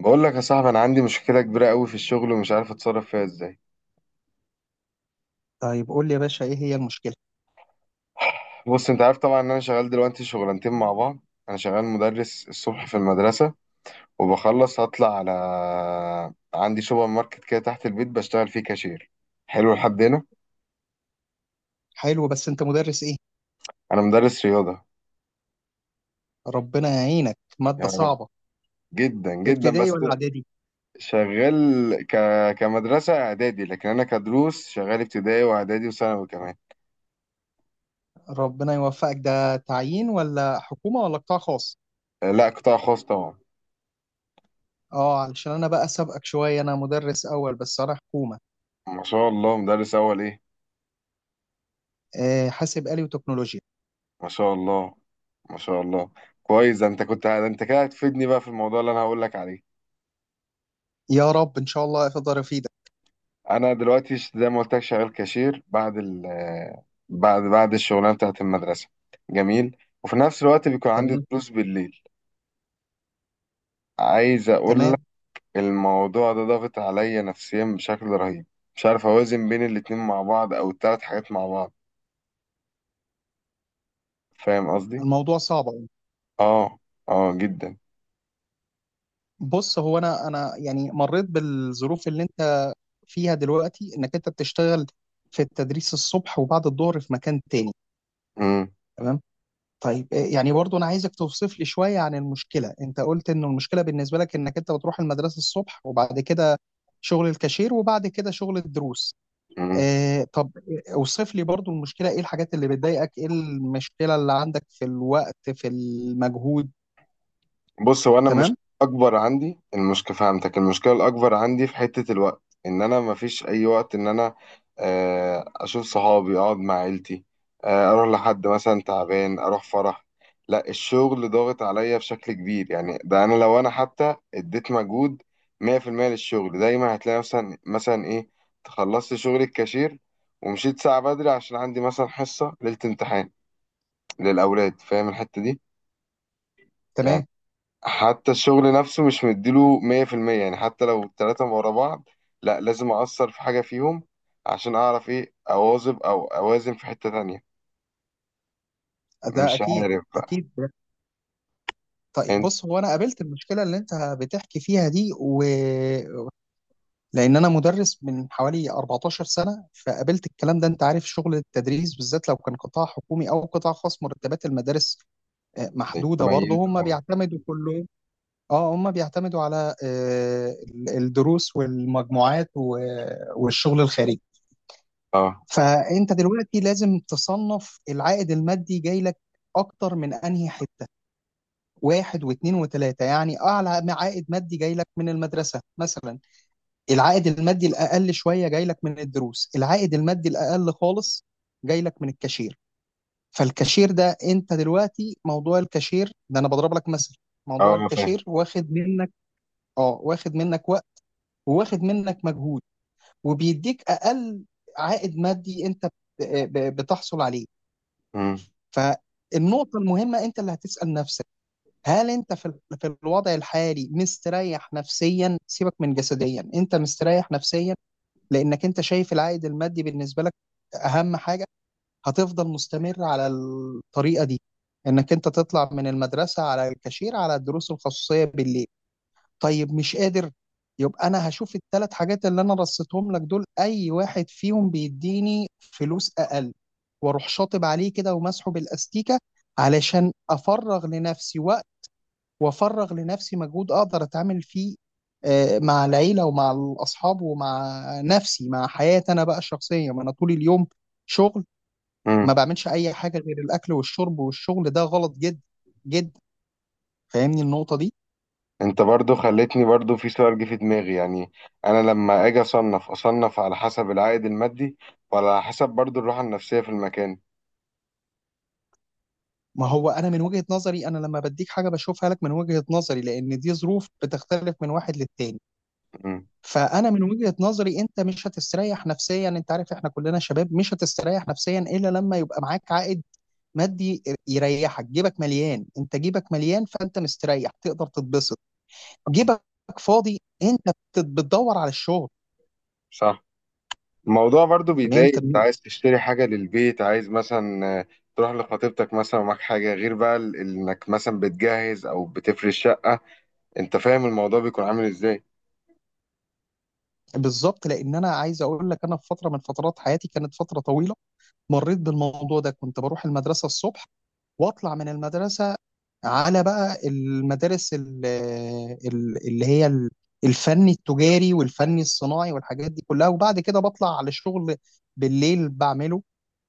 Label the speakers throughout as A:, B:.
A: بقول لك يا صاحبي انا عندي مشكله كبيره قوي في الشغل ومش عارف اتصرف فيها ازاي.
B: طيب قول لي يا باشا ايه هي المشكلة؟
A: بص انت عارف طبعا ان انا شغال دلوقتي شغلانتين مع بعض. انا شغال مدرس الصبح في المدرسه وبخلص هطلع على عندي سوبر ماركت كده تحت البيت بشتغل فيه كاشير. حلو لحد هنا.
B: حلو، بس انت مدرس ايه؟
A: انا مدرس رياضه.
B: ربنا يعينك،
A: يا
B: مادة
A: رب
B: صعبة.
A: جدا جدا.
B: ابتدائي
A: بس
B: ولا اعدادي؟
A: شغال ك... كمدرسه اعدادي، لكن انا كدروس شغال ابتدائي واعدادي وثانوي كمان.
B: ربنا يوفقك. ده تعيين ولا حكومة ولا قطاع خاص؟
A: لا قطاع خاص طبعا.
B: اه، علشان انا بقى سابقك شوية، انا مدرس اول بس انا حكومة.
A: ما شاء الله، مدرس اول ايه؟
B: آه، حاسب آلي وتكنولوجيا.
A: ما شاء الله، ما شاء الله. كويس، ده انت كده هتفيدني بقى في الموضوع اللي انا هقول لك عليه.
B: يا رب ان شاء الله اقدر افيدك.
A: انا دلوقتي زي ما قلت لك شغال كاشير بعد ال بعد الشغلانه بتاعت المدرسه. جميل. وفي نفس الوقت بيكون عندي
B: تمام.
A: دروس بالليل. عايز اقول لك،
B: تمام.
A: الموضوع ده ضاغط عليا نفسيا بشكل رهيب. مش عارف اوازن بين الاتنين مع بعض او التلات حاجات مع بعض. فاهم قصدي؟
B: الموضوع صعب أوي.
A: اه، اه جدا.
B: بص هو انا يعني مريت بالظروف اللي انت فيها دلوقتي، انك انت بتشتغل في التدريس الصبح وبعد الظهر في مكان تاني. تمام. طيب يعني برضو انا عايزك توصف لي شويه عن المشكله. انت قلت ان المشكله بالنسبه لك انك انت بتروح المدرسه الصبح وبعد كده شغل الكاشير وبعد كده شغل الدروس.
A: امم
B: آه، طب اوصف لي برضو المشكله، ايه الحاجات اللي بتضايقك، ايه المشكله اللي عندك في الوقت، في المجهود.
A: بص هو انا مش
B: تمام.
A: اكبر عندي المشكله، فهمتك، المشكله الاكبر عندي في حته الوقت ان انا مفيش اي وقت ان انا اشوف صحابي، اقعد مع عيلتي، اروح لحد مثلا تعبان، اروح فرح. لا الشغل ضاغط عليا بشكل كبير. يعني ده انا لو انا حتى اديت مجهود 100% للشغل، دايما هتلاقي مثلا مثلا ايه خلصت شغل الكاشير ومشيت ساعه بدري عشان عندي مثلا حصه ليله امتحان للاولاد. فاهم الحته دي؟ يعني
B: تمام.
A: حتى الشغل نفسه مش مديله 100%. يعني حتى لو التلاتة ورا بعض، لا لازم أأثر في حاجة فيهم عشان أعرف إيه أواظب أو أوازن في حتة تانية.
B: ده
A: مش
B: اكيد.
A: عارف بقى.
B: اكيد. طيب
A: أنت
B: بص هو انا قابلت المشكله اللي انت بتحكي فيها دي، لان انا مدرس من حوالي 14 سنه، فقابلت الكلام ده. انت عارف شغل التدريس بالذات، لو كان قطاع حكومي او قطاع خاص، مرتبات المدارس محدوده برضه.
A: ميت
B: هم
A: أه.
B: بيعتمدوا كلهم، اه هم بيعتمدوا على الدروس والمجموعات والشغل الخارجي.
A: أه.
B: فانت دلوقتي لازم تصنف العائد المادي جاي لك اكتر من انهي حته، واحد واثنين وثلاثه. يعني اعلى عائد مادي جاي لك من المدرسه مثلا، العائد المادي الاقل شويه جاي لك من الدروس، العائد المادي الاقل خالص جاي لك من الكاشير. فالكاشير ده، انت دلوقتي موضوع الكاشير ده انا بضرب لك مثل، موضوع
A: أه، أنا فاهم.
B: الكاشير واخد منك، اه واخد منك وقت وواخد منك مجهود وبيديك اقل عائد مادي انت بتحصل عليه.
A: مم.
B: فالنقطه المهمه انت اللي هتسال نفسك، هل انت في في الوضع الحالي مستريح نفسيا؟ سيبك من جسديا، انت مستريح نفسيا؟ لانك انت شايف العائد المادي بالنسبه لك اهم حاجه، هتفضل مستمر على الطريقه دي، انك انت تطلع من المدرسه على الكاشير على الدروس الخصوصيه بالليل؟ طيب مش قادر، يبقى انا هشوف الثلاث حاجات اللي انا رصيتهم لك دول اي واحد فيهم بيديني فلوس اقل واروح شاطب عليه كده ومسحه بالاستيكه، علشان افرغ لنفسي وافرغ لنفسي مجهود اقدر اتعامل فيه مع العيله ومع الاصحاب ومع نفسي، مع حياتي انا بقى الشخصيه. ما انا طول اليوم شغل، ما
A: مم.
B: بعملش اي حاجه غير الاكل والشرب والشغل. ده غلط جدا جدا. فاهمني النقطه دي؟
A: أنت برضو خلتني برضو في سؤال جه في دماغي. يعني أنا لما أجي أصنف، أصنف على حسب العائد المادي ولا على حسب برضو الراحة النفسية في المكان؟
B: ما هو انا من وجهه نظري، انا لما بديك حاجه بشوفها لك من وجهه نظري، لان دي ظروف بتختلف من واحد للتاني.
A: مم.
B: فانا من وجهه نظري انت مش هتستريح نفسيا، انت عارف احنا كلنا شباب مش هتستريح نفسيا الا لما يبقى معاك عائد مادي يريحك. جيبك مليان، انت جيبك مليان، فانت مستريح تقدر تتبسط. جيبك فاضي، انت بتدور على الشغل.
A: صح. الموضوع برضو بيضايق.
B: فهمت؟
A: انت عايز تشتري حاجة للبيت، عايز مثلا تروح لخطيبتك مثلا ومعاك حاجة، غير بقى انك مثلا بتجهز او بتفرش شقة. انت فاهم الموضوع بيكون عامل ازاي؟
B: بالظبط. لان انا عايز اقول لك، انا في فتره من فترات حياتي كانت فتره طويله مريت بالموضوع ده. كنت بروح المدرسه الصبح واطلع من المدرسه على بقى المدارس اللي هي الفني التجاري والفني الصناعي والحاجات دي كلها، وبعد كده بطلع على شغل بالليل بعمله،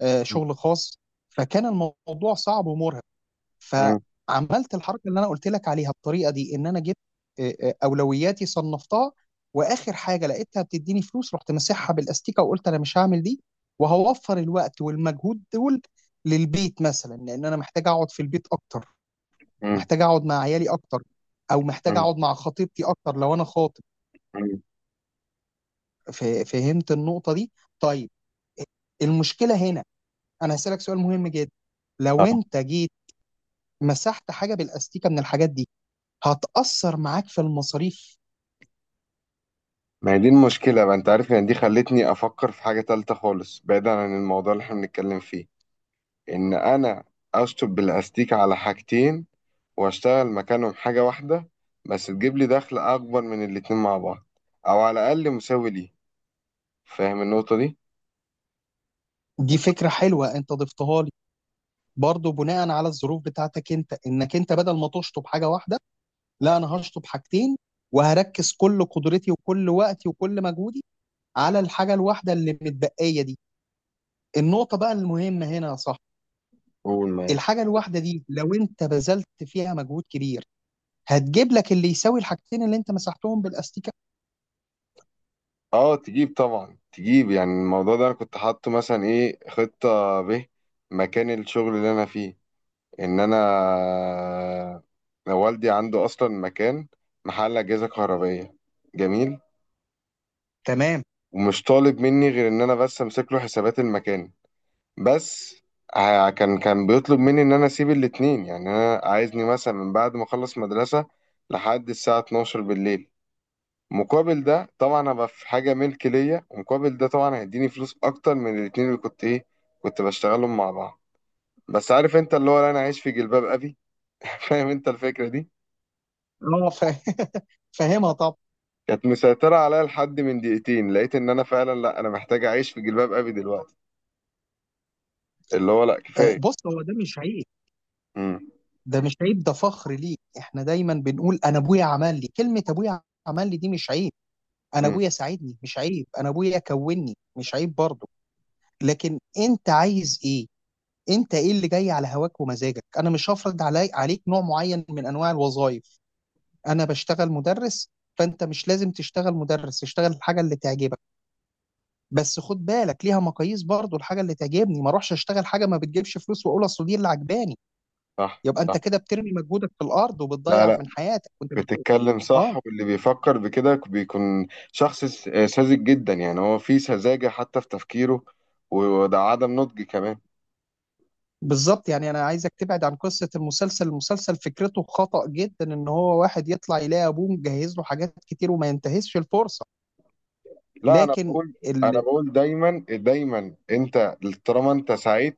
A: مم.
B: شغل خاص. فكان الموضوع صعب ومرهق.
A: مم.
B: فعملت الحركه اللي انا قلت لك عليها بالطريقه دي، ان انا جبت اولوياتي، صنفتها، واخر حاجه لقيتها بتديني فلوس رحت مسحها بالاستيكه وقلت انا مش هعمل دي، وهوفر الوقت والمجهود دول للبيت مثلا، لان انا محتاج اقعد في البيت اكتر، محتاج اقعد مع عيالي اكتر، او محتاج
A: مم.
B: اقعد مع خطيبتي اكتر لو انا خاطب.
A: مم.
B: ف- فهمت النقطه دي؟ طيب المشكله هنا، انا هسألك سؤال مهم جدا. لو
A: اه.
B: انت جيت مسحت حاجه بالاستيكه من الحاجات دي، هتاثر معاك في المصاريف؟
A: ما هي دي المشكلة بقى. انت عارف يعني دي خلتني افكر في حاجة تالتة خالص بعيدا عن الموضوع اللي احنا بنتكلم فيه، ان انا اشطب بالاستيك على حاجتين واشتغل مكانهم حاجة واحدة بس تجيب لي دخل اكبر من الاتنين مع بعض او على الاقل مساوي ليهم. فاهم النقطة دي؟
B: دي فكره حلوه انت ضفتها لي، برضو بناء على الظروف بتاعتك انت، انك انت بدل ما تشطب حاجه واحده، لا انا هشطب حاجتين وهركز كل قدرتي وكل وقتي وكل مجهودي على الحاجه الواحده اللي متبقيه دي. النقطه بقى المهمه هنا يا صاحبي،
A: قول معاك.
B: الحاجه الواحده دي لو انت بذلت فيها مجهود كبير، هتجيب لك اللي يساوي الحاجتين اللي انت مسحتهم بالاستيكه.
A: اه تجيب، طبعا تجيب. يعني الموضوع ده انا كنت حاطه مثلا ايه، خطة ب، مكان الشغل اللي انا فيه، ان انا والدي عنده اصلا مكان، محل اجهزة كهربائية. جميل.
B: تمام.
A: ومش طالب مني غير ان انا بس امسك له حسابات المكان بس. كان بيطلب مني ان انا اسيب الاتنين. يعني انا عايزني مثلا من بعد ما اخلص مدرسة لحد الساعة 12 بالليل. مقابل ده طبعا ابقى في حاجه ملك ليا، ومقابل ده طبعا هيديني فلوس اكتر من الاتنين اللي كنت ايه كنت بشتغلهم مع بعض. بس عارف انت اللي هو، لا انا عايش في جلباب ابي فاهم انت الفكره دي؟
B: اه فاهمها طبعا.
A: كانت مسيطره عليا. لحد من دقيقتين لقيت ان انا فعلا لا انا محتاج اعيش في جلباب ابي دلوقتي، اللي هو لا كفايه.
B: بص هو ده مش عيب.
A: امم.
B: ده مش عيب، ده فخر ليك. احنا دايما بنقول انا ابويا عمل لي، كلمة ابويا عمل لي دي مش عيب. انا
A: امم.
B: ابويا ساعدني مش عيب، انا ابويا كوني مش عيب برضه. لكن انت عايز ايه؟ انت ايه اللي جاي على هواك ومزاجك؟ انا مش هفرض علي عليك نوع معين من انواع الوظائف. انا بشتغل مدرس، فانت مش لازم تشتغل مدرس. اشتغل الحاجة اللي تعجبك، بس خد بالك ليها مقاييس برضه. الحاجة اللي تعجبني، ما اروحش اشتغل حاجة ما بتجيبش فلوس واقول اصل دي اللي عجباني،
A: صح
B: يبقى انت
A: صح.
B: كده بترمي مجهودك في الارض
A: لا
B: وبتضيع
A: لا
B: من حياتك وانت بت...
A: بتتكلم صح.
B: اه
A: واللي بيفكر بكده بيكون شخص ساذج جدا. يعني هو فيه سذاجه حتى في تفكيره، وده عدم نضج كمان.
B: بالظبط. يعني انا عايزك تبعد عن قصه المسلسل. المسلسل فكرته خطأ جدا، ان هو واحد يطلع يلاقي ابوه مجهز له حاجات كتير وما ينتهزش الفرصه.
A: لا انا
B: لكن
A: بقول انا
B: ال...
A: بقول دايما دايما، انت طالما انت سعيد،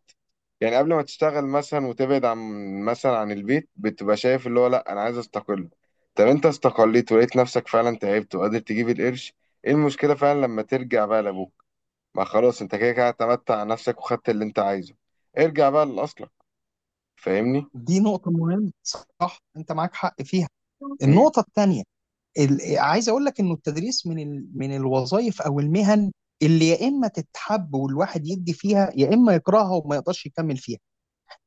A: يعني قبل ما تشتغل مثلا وتبعد عن مثلا عن البيت بتبقى شايف اللي هو لا انا عايز استقل. طب انت استقليت ولقيت نفسك فعلا تعبت وقادر تجيب القرش، ايه المشكلة فعلا لما ترجع بقى لابوك؟ ما خلاص انت كده كده اعتمدت على نفسك وخدت اللي انت عايزه. ارجع بقى لاصلك. فاهمني؟
B: دي نقطه مهمه، صح، انت معاك حق فيها.
A: مم.
B: النقطه الثانيه عايز اقول لك انه التدريس من من الوظائف او المهن اللي يا اما تتحب والواحد يدي فيها يا اما يكرهها وما يقدرش يكمل فيها.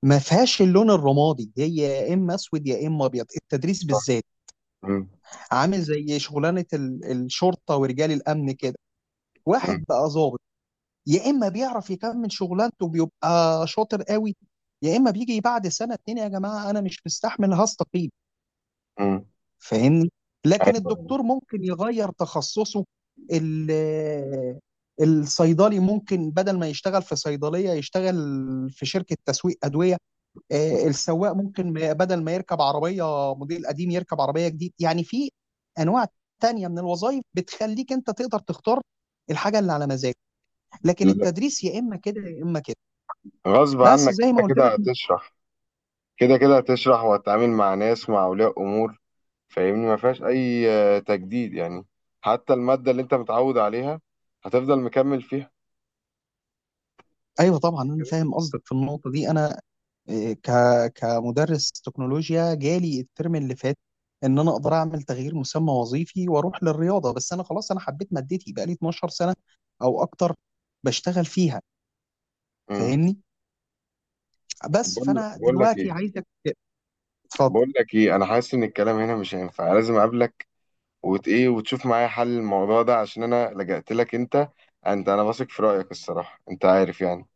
B: ما فيهاش اللون الرمادي، هي يا اما اسود يا اما ابيض، التدريس
A: صح.
B: بالذات.
A: مم.
B: عامل زي شغلانه الشرطه ورجال الامن كده. واحد
A: مم.
B: بقى ظابط، يا اما بيعرف يكمل شغلانته بيبقى شاطر قوي، يا اما بيجي بعد سنه اتنين يا جماعه انا مش مستحمل هستقيل.
A: مم.
B: فاهمني؟ لكن
A: ايوه.
B: الدكتور ممكن يغير تخصصه، ال- الصيدلي ممكن بدل ما يشتغل في صيدليه يشتغل في شركه تسويق ادويه، السواق ممكن بدل ما يركب عربية موديل قديم يركب عربية جديد. يعني في أنواع تانية من الوظائف بتخليك أنت تقدر تختار الحاجة اللي على مزاجك، لكن
A: لا،
B: التدريس يا إما كده يا إما كده،
A: غصب
B: بس
A: عنك
B: زي ما
A: انت
B: قلت
A: كده
B: لك.
A: هتشرح. كده كده هتشرح وهتتعامل مع ناس، مع أولياء أمور. فاهمني؟ ما فيهاش أي تجديد يعني. حتى المادة اللي أنت متعود عليها هتفضل مكمل فيها.
B: أيوه طبعا، أنا فاهم قصدك في النقطة دي. أنا آه، ك كمدرس تكنولوجيا جالي الترم اللي فات إن أنا أقدر أعمل تغيير مسمى وظيفي وأروح للرياضة، بس أنا خلاص أنا حبيت مادتي بقالي 12 سنة أو أكتر بشتغل فيها.
A: امم.
B: فاهمني؟ بس
A: بقول
B: فانا
A: بقول لك
B: دلوقتي
A: إيه
B: عايزك اتفضل.
A: بقول لك إيه، أنا حاسس إن الكلام هنا مش هينفع، لازم أقابلك وت إيه وتشوف معايا حل الموضوع ده. عشان أنا لجأت لك أنت. أنا واثق في رأيك الصراحة. أنت عارف يعني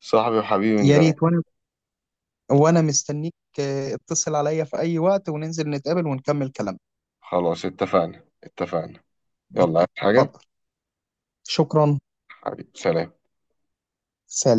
A: صاحبي وحبيبي من
B: يا
A: زمان.
B: ريت، وانا مستنيك، اتصل عليا في اي وقت وننزل نتقابل ونكمل كلامنا.
A: خلاص اتفقنا اتفقنا. يلا، عايز حاجة؟
B: اتفضل. شكرا.
A: حبيبي سلام.
B: سلام.